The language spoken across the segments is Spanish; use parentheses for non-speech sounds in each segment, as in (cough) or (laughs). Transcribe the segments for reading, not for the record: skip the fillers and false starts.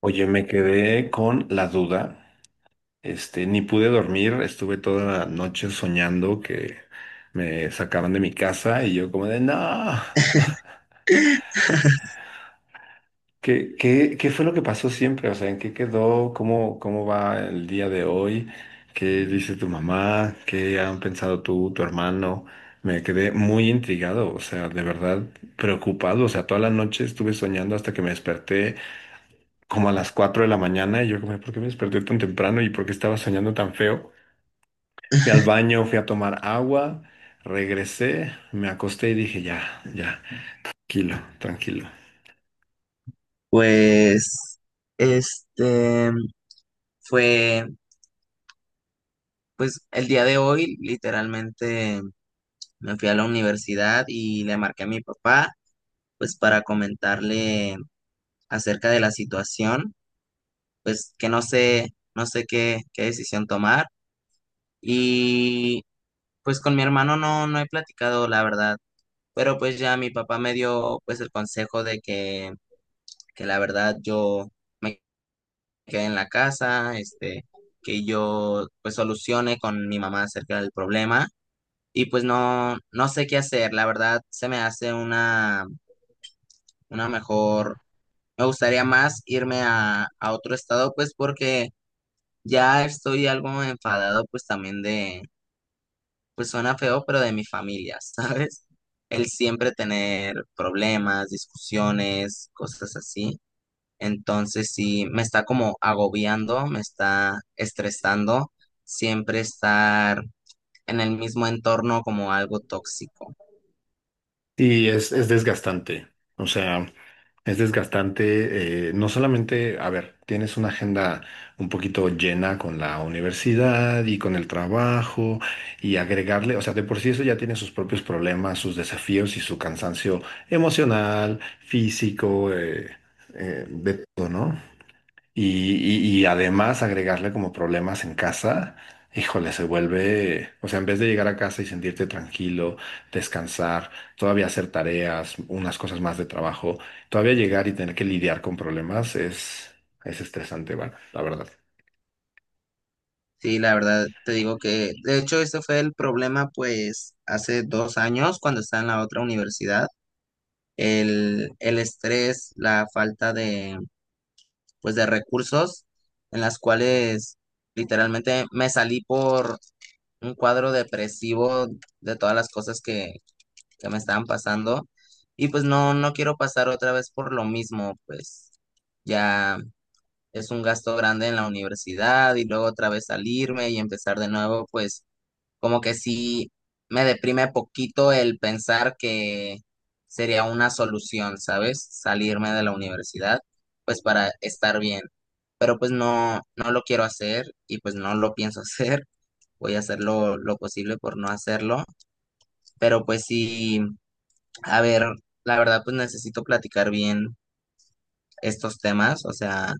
Oye, me quedé con la duda. Ni pude dormir, estuve toda la noche soñando que me sacaban de mi casa y yo como de, no, (laughs) ¿qué fue lo que pasó siempre? O sea, ¿en qué quedó? ¿Cómo va el día de hoy? ¿Qué dice tu mamá? ¿Qué han pensado tu hermano? Me quedé muy intrigado, o sea, de verdad preocupado. O sea, toda la noche estuve soñando hasta que me desperté como a las 4 de la mañana y yo como, ¿por qué me desperté tan temprano y por qué estaba soñando tan feo? Fui al baño, fui a tomar agua, regresé, me acosté y dije, ya, ya, tranquilo, tranquilo. Pues, este, fue, pues, el día de hoy literalmente me fui a la universidad y le marqué a mi papá, pues para comentarle acerca de la situación, pues que no sé qué, decisión tomar. Y pues con mi hermano no, no he platicado, la verdad, pero pues ya mi papá me dio pues el consejo de que la verdad yo... me quede en la casa, que yo pues solucione con mi mamá acerca del problema, y pues no, no sé qué hacer. La verdad se me hace una, mejor, me gustaría más irme a otro estado, pues porque ya estoy algo enfadado, pues también de, pues suena feo, pero de mi familia, (laughs) ¿sabes? El siempre tener problemas, discusiones, cosas así. Entonces sí, me está como agobiando, me está estresando siempre estar en el mismo entorno, como algo tóxico. Es desgastante, o sea, es desgastante, no solamente, a ver, tienes una agenda un poquito llena con la universidad y con el trabajo, y agregarle, o sea, de por sí eso ya tiene sus propios problemas, sus desafíos y su cansancio emocional, físico, de todo, ¿no? Y además agregarle como problemas en casa, híjole, se vuelve, o sea, en vez de llegar a casa y sentirte tranquilo, descansar, todavía hacer tareas, unas cosas más de trabajo, todavía llegar y tener que lidiar con problemas es estresante, bueno, la verdad. Sí, la verdad te digo que, de hecho, ese fue el problema pues hace 2 años cuando estaba en la otra universidad. El estrés, la falta de, pues, de recursos, en las cuales literalmente me salí por un cuadro depresivo, de todas las cosas que me estaban pasando. Y pues no, no quiero pasar otra vez por lo mismo, pues ya es un gasto grande en la universidad y luego otra vez salirme y empezar de nuevo. Pues como que sí me deprime poquito el pensar que sería una solución, ¿sabes? Salirme de la universidad, pues, para estar bien. Pero pues no, no lo quiero hacer y pues no lo pienso (laughs) hacer. Voy a hacer lo posible por no hacerlo. Pero pues sí, a ver, la verdad, pues necesito platicar bien estos temas, o sea,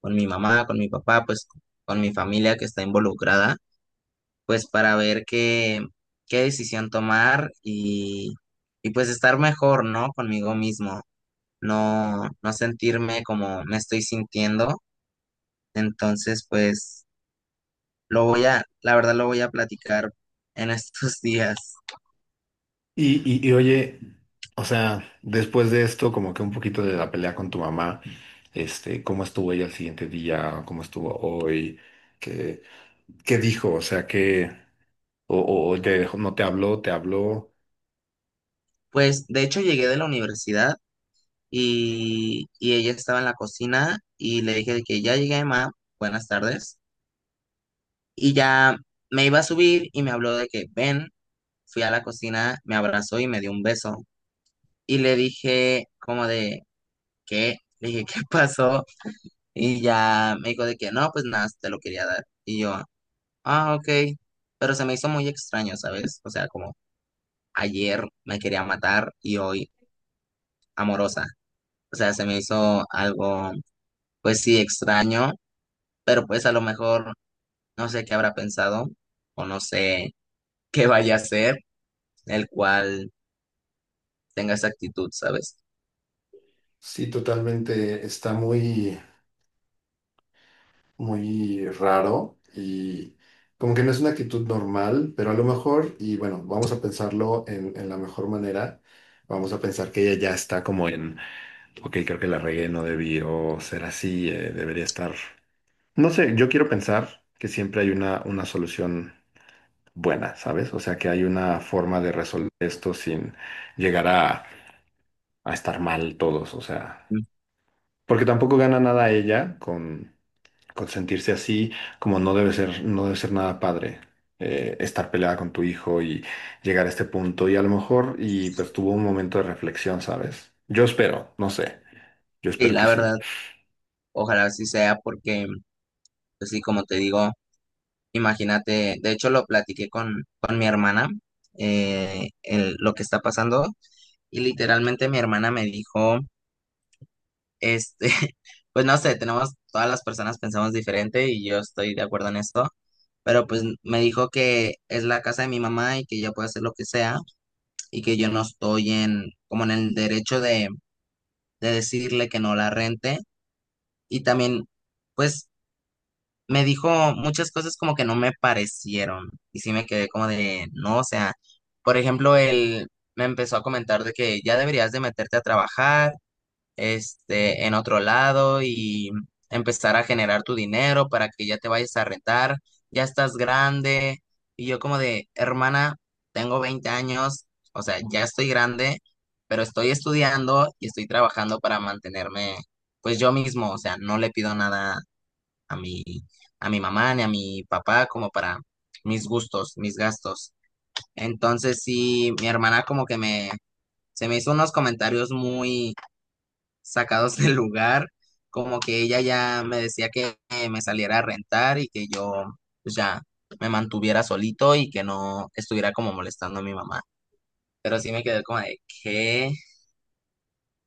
con mi mamá, con mi papá, pues con mi familia que está involucrada, pues para ver qué decisión tomar, y pues estar mejor, ¿no? Conmigo mismo, no, no sentirme como me estoy sintiendo. Entonces, pues la verdad, lo voy a platicar en estos (laughs) días. Y oye, o sea, después de esto, como que un poquito de la pelea con tu mamá, ¿cómo estuvo ella el siguiente día? ¿Cómo estuvo hoy? ¿Qué, qué dijo? O sea, qué... O el de no te habló, te habló. Pues de hecho llegué de la universidad y ella estaba en la cocina y le dije de que ya llegué, ma, buenas tardes. Y ya me iba a subir y me habló de que ven, fui a la cocina, me abrazó y me dio un beso. Y le dije como de, ¿qué? Le dije, ¿qué (laughs) pasó? Y ya me dijo de que no, pues nada, te lo quería dar. Y yo, ah, ok. Pero se me hizo muy extraño, ¿sabes? O sea, como ayer me quería matar y hoy amorosa. O sea, se me hizo algo, pues sí, extraño. Pero pues a lo mejor no sé qué habrá pensado o no sé (laughs) qué vaya a ser el cual tenga esa actitud, ¿sabes? Sí, totalmente. Está muy, muy raro y como que no es una actitud normal, pero a lo mejor, y bueno, vamos a pensarlo en la mejor manera. Vamos a pensar que ella ya está como en, ok, creo que la regué, no debió ser así, debería estar. No sé, yo quiero pensar que siempre hay una solución buena, ¿sabes? O sea, que hay una forma de resolver esto sin llegar a estar mal todos, o sea. Mm, Porque tampoco gana nada ella con sentirse así, como no debe ser, no debe ser nada padre, estar peleada con tu hijo y llegar a este punto. Y a lo mejor, y pues tuvo un momento de reflexión, ¿sabes? Yo espero, no sé, yo sí, espero que la sí. verdad, ojalá así sea, porque, pues sí, como te digo, imagínate, de hecho lo platiqué con, mi hermana, lo que está pasando, y literalmente mi hermana me dijo, este, (laughs) pues no sé, tenemos, todas las personas pensamos diferente y yo estoy de acuerdo en esto. Pero pues me dijo que es la casa de mi mamá y que ella puede hacer lo que sea, y que yo no estoy en, como en el derecho de decirle que no la rente. Y también, pues, me dijo muchas cosas como que no me parecieron. Y sí me quedé como de, no, o sea, por ejemplo, él me empezó a comentar de que ya deberías de meterte a trabajar, en otro lado, y empezar a generar tu dinero para que ya te vayas a rentar, ya estás grande. Y yo como de, hermana, tengo 20 años, o sea, ya estoy grande, pero estoy estudiando y estoy trabajando para mantenerme, pues, yo mismo, o sea, no le pido nada a mi, a mi mamá ni a mi papá, como para mis gustos, mis gastos. Entonces sí, mi hermana como que me, se me hizo unos comentarios muy sacados del lugar, como que ella ya me decía que me saliera a rentar y que yo, pues, ya me mantuviera solito y que no estuviera como molestando a mi mamá. Pero sí me quedé como de que,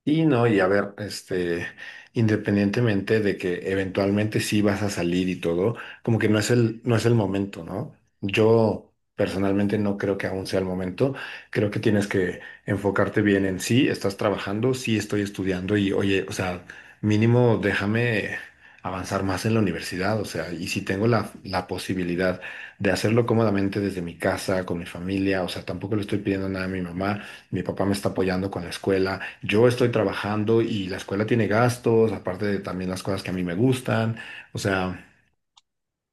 Y no, y a ver, este, independientemente de que eventualmente sí vas a salir y todo, como que no es no es el momento, ¿no? Yo personalmente no creo que aún sea el momento. Creo que tienes que enfocarte bien en sí, estás trabajando, sí estoy estudiando y oye, o sea, mínimo déjame avanzar más en la universidad, o sea, y si tengo la posibilidad de hacerlo cómodamente desde mi casa, con mi familia, o sea, tampoco le estoy pidiendo nada a mi mamá, mi papá me está apoyando con la escuela, yo estoy trabajando y la escuela tiene gastos, aparte de también las cosas que a mí me gustan. O sea,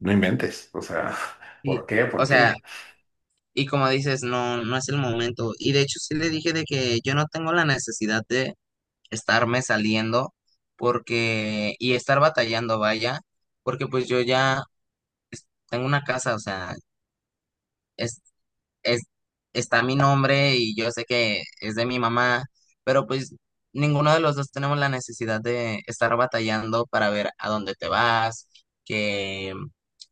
no inventes. O sea, (laughs) ¿por qué? ¿Por o sea, qué? y como dices, no, no es el momento. Y de hecho sí le dije de que yo no tengo la necesidad de estarme saliendo, porque, y estar batallando, vaya, porque pues yo ya tengo una casa, o sea, es, es, está mi nombre y yo sé que es de mi mamá, pero pues ninguno de los dos tenemos la necesidad de estar batallando para ver a dónde te vas, que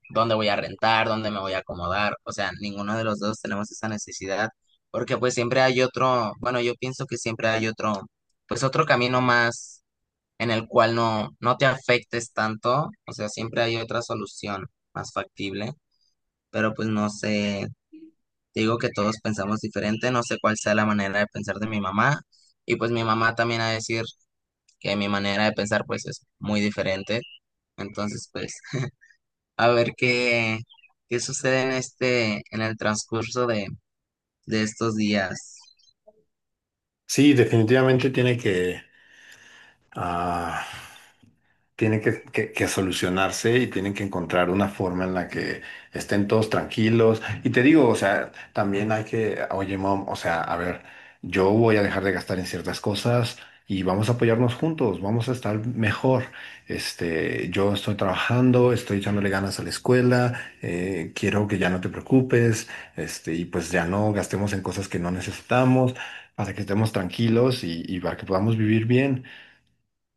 dónde voy a rentar, dónde me voy a acomodar. O sea, ninguno de los dos tenemos esa necesidad, porque pues siempre hay otro, bueno, yo pienso que siempre hay otro, pues otro camino más en el cual no, no te afectes tanto. O sea, siempre hay otra solución más factible, pero pues no sé. Digo que todos pensamos diferente, no sé cuál sea la manera de pensar de mi mamá, y pues mi mamá también a decir que mi manera de pensar, pues, es muy diferente. Entonces pues a ver qué, sucede en el transcurso de estos días. Sí, definitivamente tiene que... ah, tiene que solucionarse y tienen que encontrar una forma en la que estén todos tranquilos. Y te digo, o sea, también hay que, oye, mom, o sea, a ver, yo voy a dejar de gastar en ciertas cosas y vamos a apoyarnos juntos, vamos a estar mejor. Este, yo estoy trabajando, estoy echándole ganas a la escuela, quiero que ya no te preocupes, este, y pues ya no gastemos en cosas que no necesitamos para que estemos tranquilos y para que podamos vivir bien.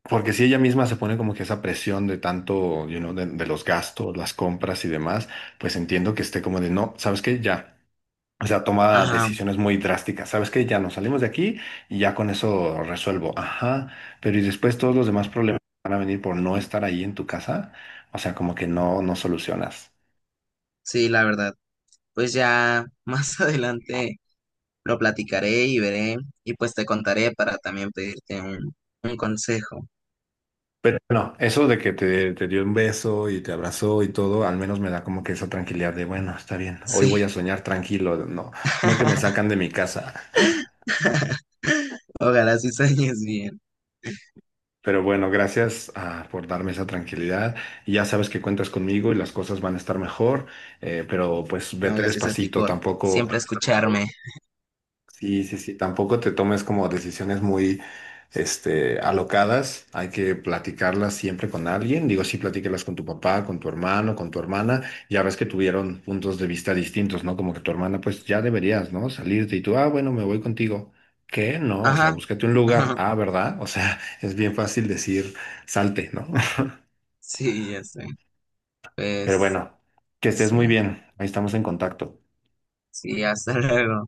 Porque si ella misma se pone como que esa presión de tanto, you know, de los gastos, las compras y demás, pues entiendo que esté como de, no, ¿sabes qué? Ya. O sea, toma Ajá, decisiones muy drásticas. ¿Sabes qué? Ya nos salimos de aquí y ya con eso resuelvo. Ajá. Pero y después todos los demás problemas van a venir por no estar ahí en tu casa. O sea, como que no, no solucionas. sí, la verdad. Pues ya (laughs) más adelante lo platicaré y veré, y pues te contaré para también pedirte un consejo. Pero no, eso de que te dio un beso y te abrazó y todo, al menos me da como que esa tranquilidad de, bueno, está bien, hoy Sí, voy a soñar tranquilo, no, no que me (laughs) sacan de mi casa. ojalá sí sueñes bien. Pero bueno, gracias, ah, por darme esa tranquilidad. Y ya sabes que cuentas conmigo y las cosas van a estar mejor, pero pues No, vete gracias a ti despacito, por tampoco... siempre escucharme. Sí, sí, sí, tampoco te tomes como decisiones muy, este, alocadas, hay que platicarlas siempre con alguien, digo, sí, platícalas con tu papá, con tu hermano, con tu hermana, ya ves que tuvieron puntos de vista distintos, ¿no? Como que tu hermana, pues ya deberías, ¿no? Salirte y tú, ah, bueno, me voy contigo. ¿Qué? No, o sea, Ajá, búscate un (laughs) lugar, ajá, ah, ¿verdad? O sea, (laughs) es bien fácil decir, salte, ¿no? sí, ya sé. (laughs) Pero Pues bueno, que estés sí, muy bien, ahí estamos en contacto. sí, hasta (laughs) luego.